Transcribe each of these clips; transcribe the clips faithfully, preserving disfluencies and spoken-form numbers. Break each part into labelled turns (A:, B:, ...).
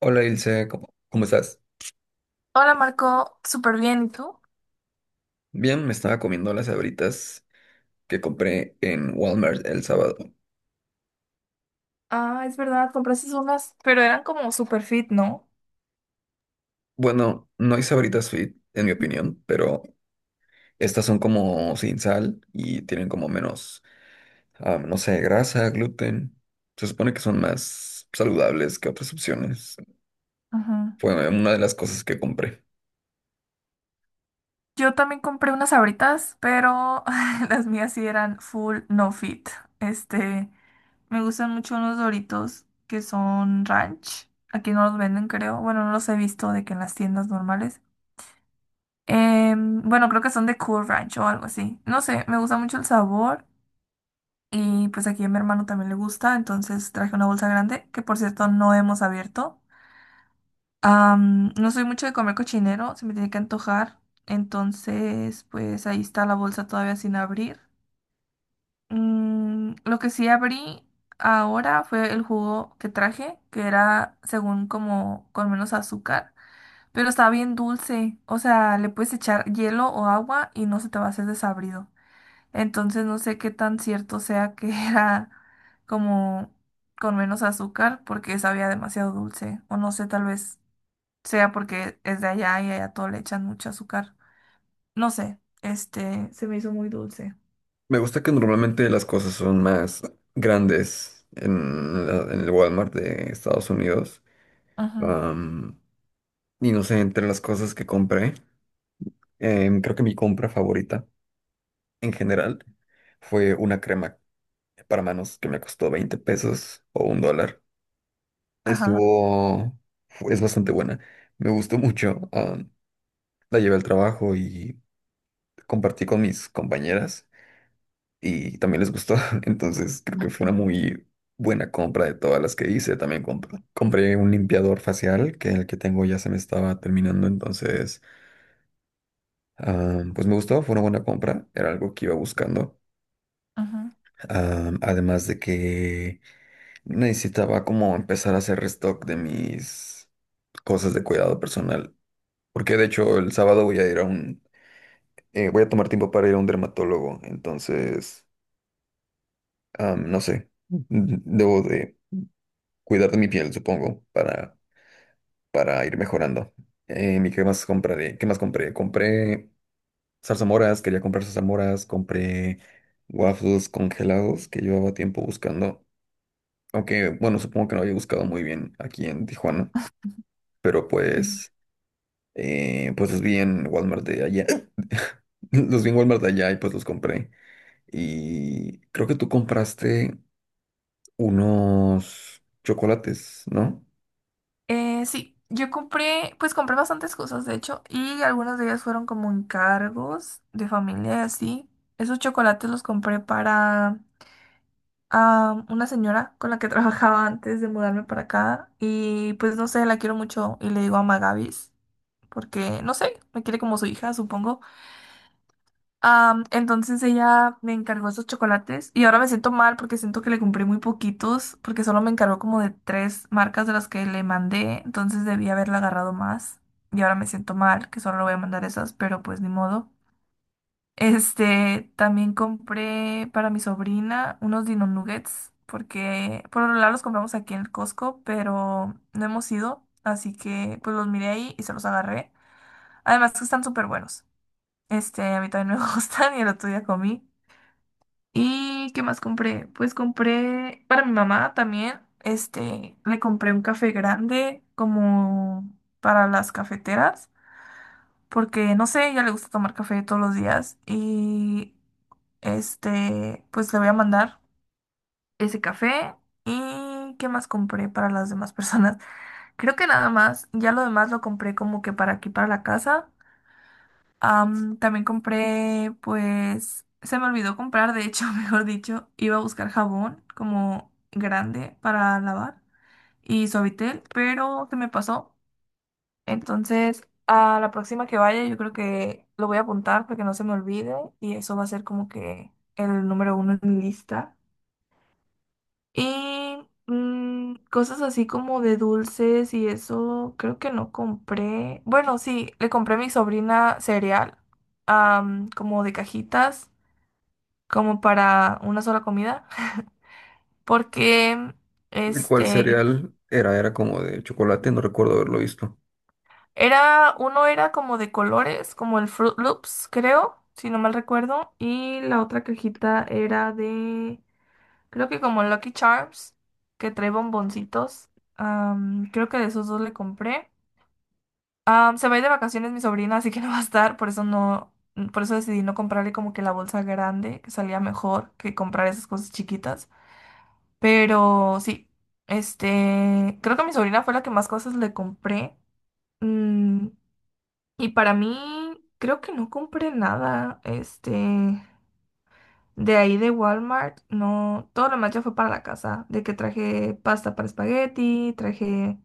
A: Hola Ilse, ¿cómo, cómo estás?
B: Hola Marco, súper bien, ¿y tú?
A: Bien, me estaba comiendo las sabritas que compré en Walmart el sábado.
B: Ah, es verdad, compraste unas, pero eran como super fit, ¿no?
A: Bueno, no hay sabritas fit, en mi opinión, pero estas son como sin sal y tienen como menos, ah, no sé, grasa, gluten. Se supone que son más saludables que otras opciones.
B: Ajá.
A: Fue una de las cosas que compré.
B: Yo también compré unas Sabritas, pero las mías sí eran full no fit. Este, me gustan mucho unos Doritos que son ranch. Aquí no los venden, creo. Bueno, no los he visto de que en las tiendas normales. Em, bueno, creo que son de Cool Ranch o algo así. No sé, me gusta mucho el sabor. Y pues aquí a mi hermano también le gusta, entonces traje una bolsa grande que por cierto no hemos abierto. Am, no soy mucho de comer cochinero, se me tiene que antojar. Entonces, pues ahí está la bolsa todavía sin abrir. Mm, lo que sí abrí ahora fue el jugo que traje, que era según como con menos azúcar, pero estaba bien dulce. O sea, le puedes echar hielo o agua y no se te va a hacer desabrido. Entonces, no sé qué tan cierto sea que era como con menos azúcar porque sabía demasiado dulce. O no sé, tal vez sea porque es de allá y allá todo le echan mucho azúcar. No sé, este, se me hizo muy dulce.
A: Me gusta que normalmente las cosas son más grandes en, la- en el Walmart de Estados Unidos.
B: Ajá,
A: Am, y no sé, entre las cosas que compré. Em, creo que mi compra favorita en general fue una crema para manos que me costó veinte pesos o un dólar.
B: ajá,
A: Estuvo, fu- es bastante buena. Me gustó mucho. Ah, la llevé al trabajo y compartí con mis compañeras y también les gustó. Entonces creo que fue una muy buena compra de todas las que hice. También comp- compré un limpiador facial que el que tengo ya se me estaba terminando. Entonces, ah, pues me gustó. Fue una buena compra. Era algo que iba buscando.
B: ajá.
A: Ah, además de que necesitaba como empezar a hacer restock de mis cosas de cuidado personal. Porque de hecho el sábado voy a ir a un... eh, voy a tomar tiempo para ir a un dermatólogo. Entonces, ah, no sé. n- Debo de cuidar de mi piel, supongo, para, para ir mejorando. Eh, ¿y qué más compraré? ¿Qué más compré? Compré zarzamoras, quería comprar zarzamoras, compré waffles congelados que llevaba tiempo buscando. Aunque, bueno, supongo que no había buscado muy bien aquí en Tijuana, pero
B: Sí.
A: pues, eh, pues los vi en Walmart de allá. Los vi en Walmart de allá y pues los compré. Y creo que tú compraste unos chocolates, ¿no?
B: Eh, sí, yo compré, pues compré bastantes cosas, de hecho, y algunas de ellas fueron como encargos de familia y así. Esos chocolates los compré para ah, una señora con la que trabajaba antes de mudarme para acá y pues no sé, la quiero mucho y le digo a Magavis porque, no sé, me quiere como su hija, supongo. Am, entonces ella me encargó esos chocolates y ahora me siento mal porque siento que le compré muy poquitos porque solo me encargó como de tres marcas de las que le mandé, entonces debí haberla agarrado más y ahora me siento mal que solo le voy a mandar esas, pero pues ni modo. Este, también compré para mi sobrina unos Dino Nuggets porque por lo general los compramos aquí en el Costco, pero no hemos ido, así que pues los miré ahí y se los agarré. Además que están súper buenos. Este, a mí también me gustan y el otro día comí. ¿Y qué más compré? Pues compré para mi mamá también, este, le compré un café grande como para las cafeteras, porque no sé, ella le gusta tomar café todos los días y este, pues le voy a mandar ese café. ¿Y qué más compré para las demás personas? Creo que nada más, ya lo demás lo compré como que para aquí, para la casa. Am, también compré, pues, se me olvidó comprar, de hecho, mejor dicho, iba a buscar jabón como grande para lavar y suavitel, pero se me pasó. Entonces, a la próxima que vaya, yo creo que lo voy a apuntar para que no se me olvide y eso va a ser como que el número uno en mi lista. Y mm, cosas así como de dulces y eso, creo que no compré. Bueno, sí, le compré a mi sobrina cereal, am, como de cajitas, como para una sola comida, porque
A: ¿Y ¿Cuál
B: este
A: cereal era? Era como de chocolate, no recuerdo haberlo visto.
B: era, uno era como de colores, como el Fruit Loops, creo, si no mal recuerdo, y la otra cajita era de, creo que como Lucky Charms, que trae bomboncitos. Am, creo que de esos dos le compré. Am, se va a ir de vacaciones mi sobrina, así que no va a estar, por eso no, por eso decidí no comprarle como que la bolsa grande, que salía mejor que comprar esas cosas chiquitas. Pero sí, este, creo que a mi sobrina fue la que más cosas le compré. Mm, y para mí, creo que no compré nada, este, de ahí de Walmart, no, todo lo demás ya fue para la casa, de que traje pasta para espagueti, traje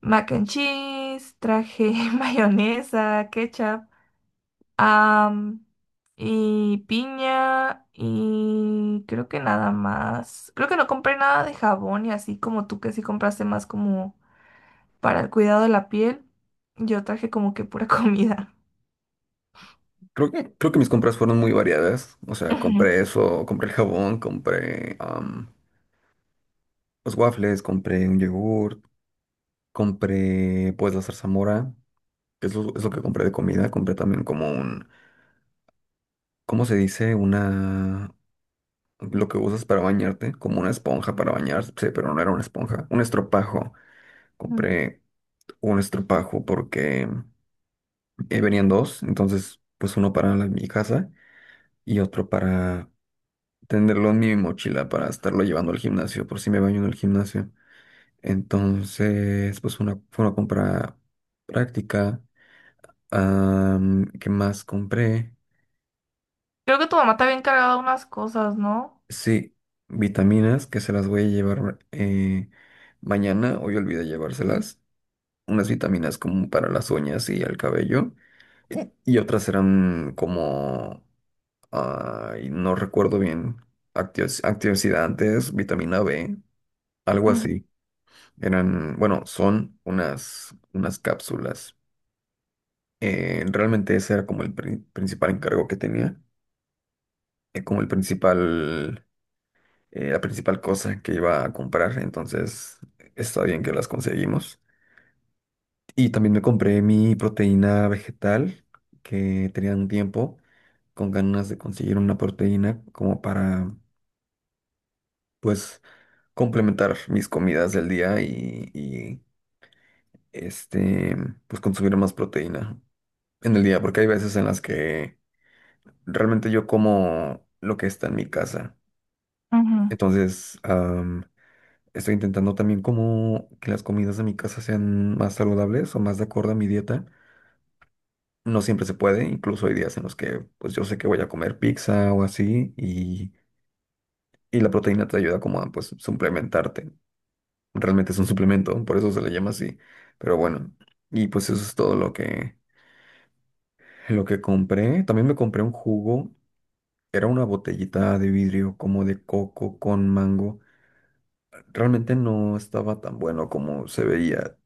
B: mac and cheese, traje mayonesa, ketchup. Am, y piña y creo que nada más. Creo que no compré nada de jabón y así como tú que sí compraste más como para el cuidado de la piel. Yo traje como que pura comida.
A: Creo que, creo que mis compras fueron muy variadas. O sea,
B: Ujú,
A: compré eso, compré el jabón, compré am, los waffles, compré un yogurt, compré pues la zarzamora. Que es lo, es lo que compré de comida. Compré también como un, ¿cómo se dice? Una, lo que usas para bañarte, como una esponja para bañarse, pero no era una esponja, un estropajo.
B: ujú.
A: Compré un estropajo porque eh, venían dos, entonces pues uno para la- mi casa y otro para tenerlo en mi mochila para estarlo llevando al gimnasio, por si me baño en el gimnasio. Entonces, pues una, fue una compra práctica. Am, ¿qué más compré?
B: Creo que tu mamá te había encargado unas cosas, ¿no?
A: Sí, vitaminas que se las voy a llevar eh, mañana. Hoy olvidé llevárselas. Unas vitaminas como para las uñas y el cabello. Y otras eran como, ay, no recuerdo bien, actios- antioxidantes, vitamina B, algo
B: Ujú,
A: así. Eran, bueno, son unas, unas cápsulas. Eh, realmente ese era como el pri- principal encargo que tenía. Eh, como el principal eh, la principal cosa que iba a comprar, entonces está bien que las conseguimos. Y también me compré mi proteína vegetal, que tenía un tiempo con ganas de conseguir una proteína como para, pues, complementar mis comidas del día y, y, este, pues, consumir más proteína en el día, porque hay veces en las que realmente yo como lo que está en mi casa.
B: ujú.
A: Entonces, estoy intentando también como que las comidas de mi casa sean más saludables o más de acuerdo a mi dieta. No siempre se puede, incluso hay días en los que pues yo sé que voy a comer pizza o así y, y la proteína te ayuda como a pues suplementarte. Realmente es un suplemento, por eso se le llama así. Pero bueno, y pues eso es todo lo que, lo que compré. También me compré un jugo, era una botellita de vidrio como de coco con mango. Realmente no estaba tan bueno como se veía.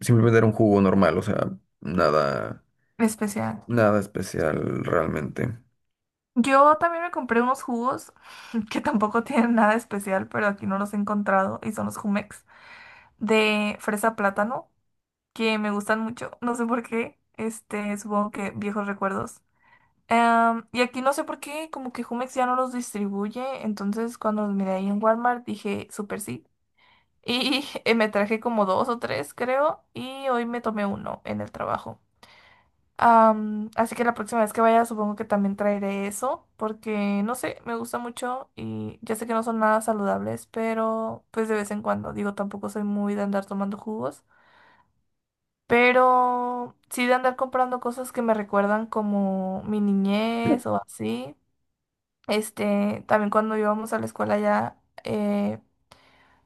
A: Simplemente era un jugo normal, o sea, nada,
B: Especial.
A: nada especial realmente.
B: Yo también me compré unos jugos que tampoco tienen nada especial, pero aquí no los he encontrado y son los Jumex de fresa plátano. que me gustan mucho, no sé por qué, este, supongo que viejos recuerdos. Em, y aquí no sé por qué, como que Jumex ya no los distribuye, entonces cuando los miré ahí en Walmart dije, súper sí. Y eh, me traje como dos o tres, creo, y hoy me tomé uno en el trabajo. Am, así que la próxima vez que vaya supongo que también traeré eso, porque no sé, me gusta mucho y ya sé que no son nada saludables, pero pues de vez en cuando, digo, tampoco soy muy de andar tomando jugos. Pero sí de andar comprando cosas que me recuerdan como mi niñez o así. Este, también cuando íbamos a la escuela ya eh,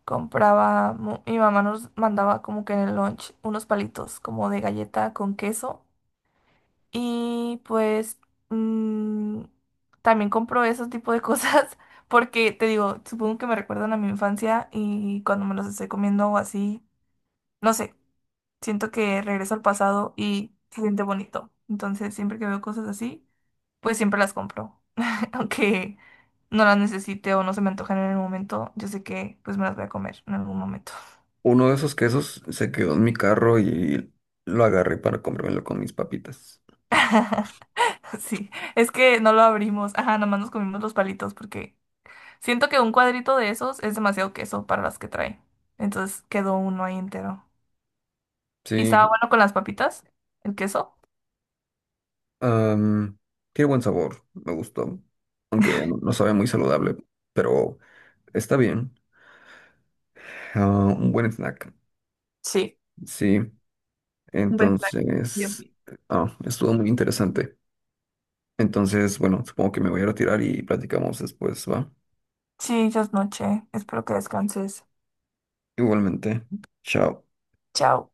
B: compraba, mu- mi mamá nos mandaba como que en el lunch unos palitos como de galleta con queso. Y pues mm, también compro esos tipo de cosas porque te digo, supongo que me recuerdan a mi infancia y cuando me los estoy comiendo o así, no sé. Siento que regreso al pasado y se siente bonito. Entonces, siempre que veo cosas así, pues siempre las compro. Aunque no las necesite o no se me antojen en el momento, yo sé que pues me las voy a comer en algún momento.
A: Uno de esos quesos se quedó en mi carro y lo agarré para comérmelo con mis papitas.
B: Sí, es que no lo abrimos. Ajá, nomás nos comimos los palitos porque siento que un cuadrito de esos es demasiado queso para las que trae. Entonces quedó uno ahí entero. ¿Y
A: Sí,
B: estaba bueno con las papitas? ¿El queso?
A: am, tiene buen sabor, me gustó. Aunque no sabe muy saludable, pero está bien. Ah, un buen snack.
B: Sí.
A: Sí,
B: Buen plan. Bien,
A: entonces,
B: bien.
A: ah, estuvo muy interesante. Entonces, bueno, supongo que me voy a retirar y platicamos después, ¿va?
B: Sí, ya es noche. Espero que descanses.
A: Igualmente, chao.
B: Chao.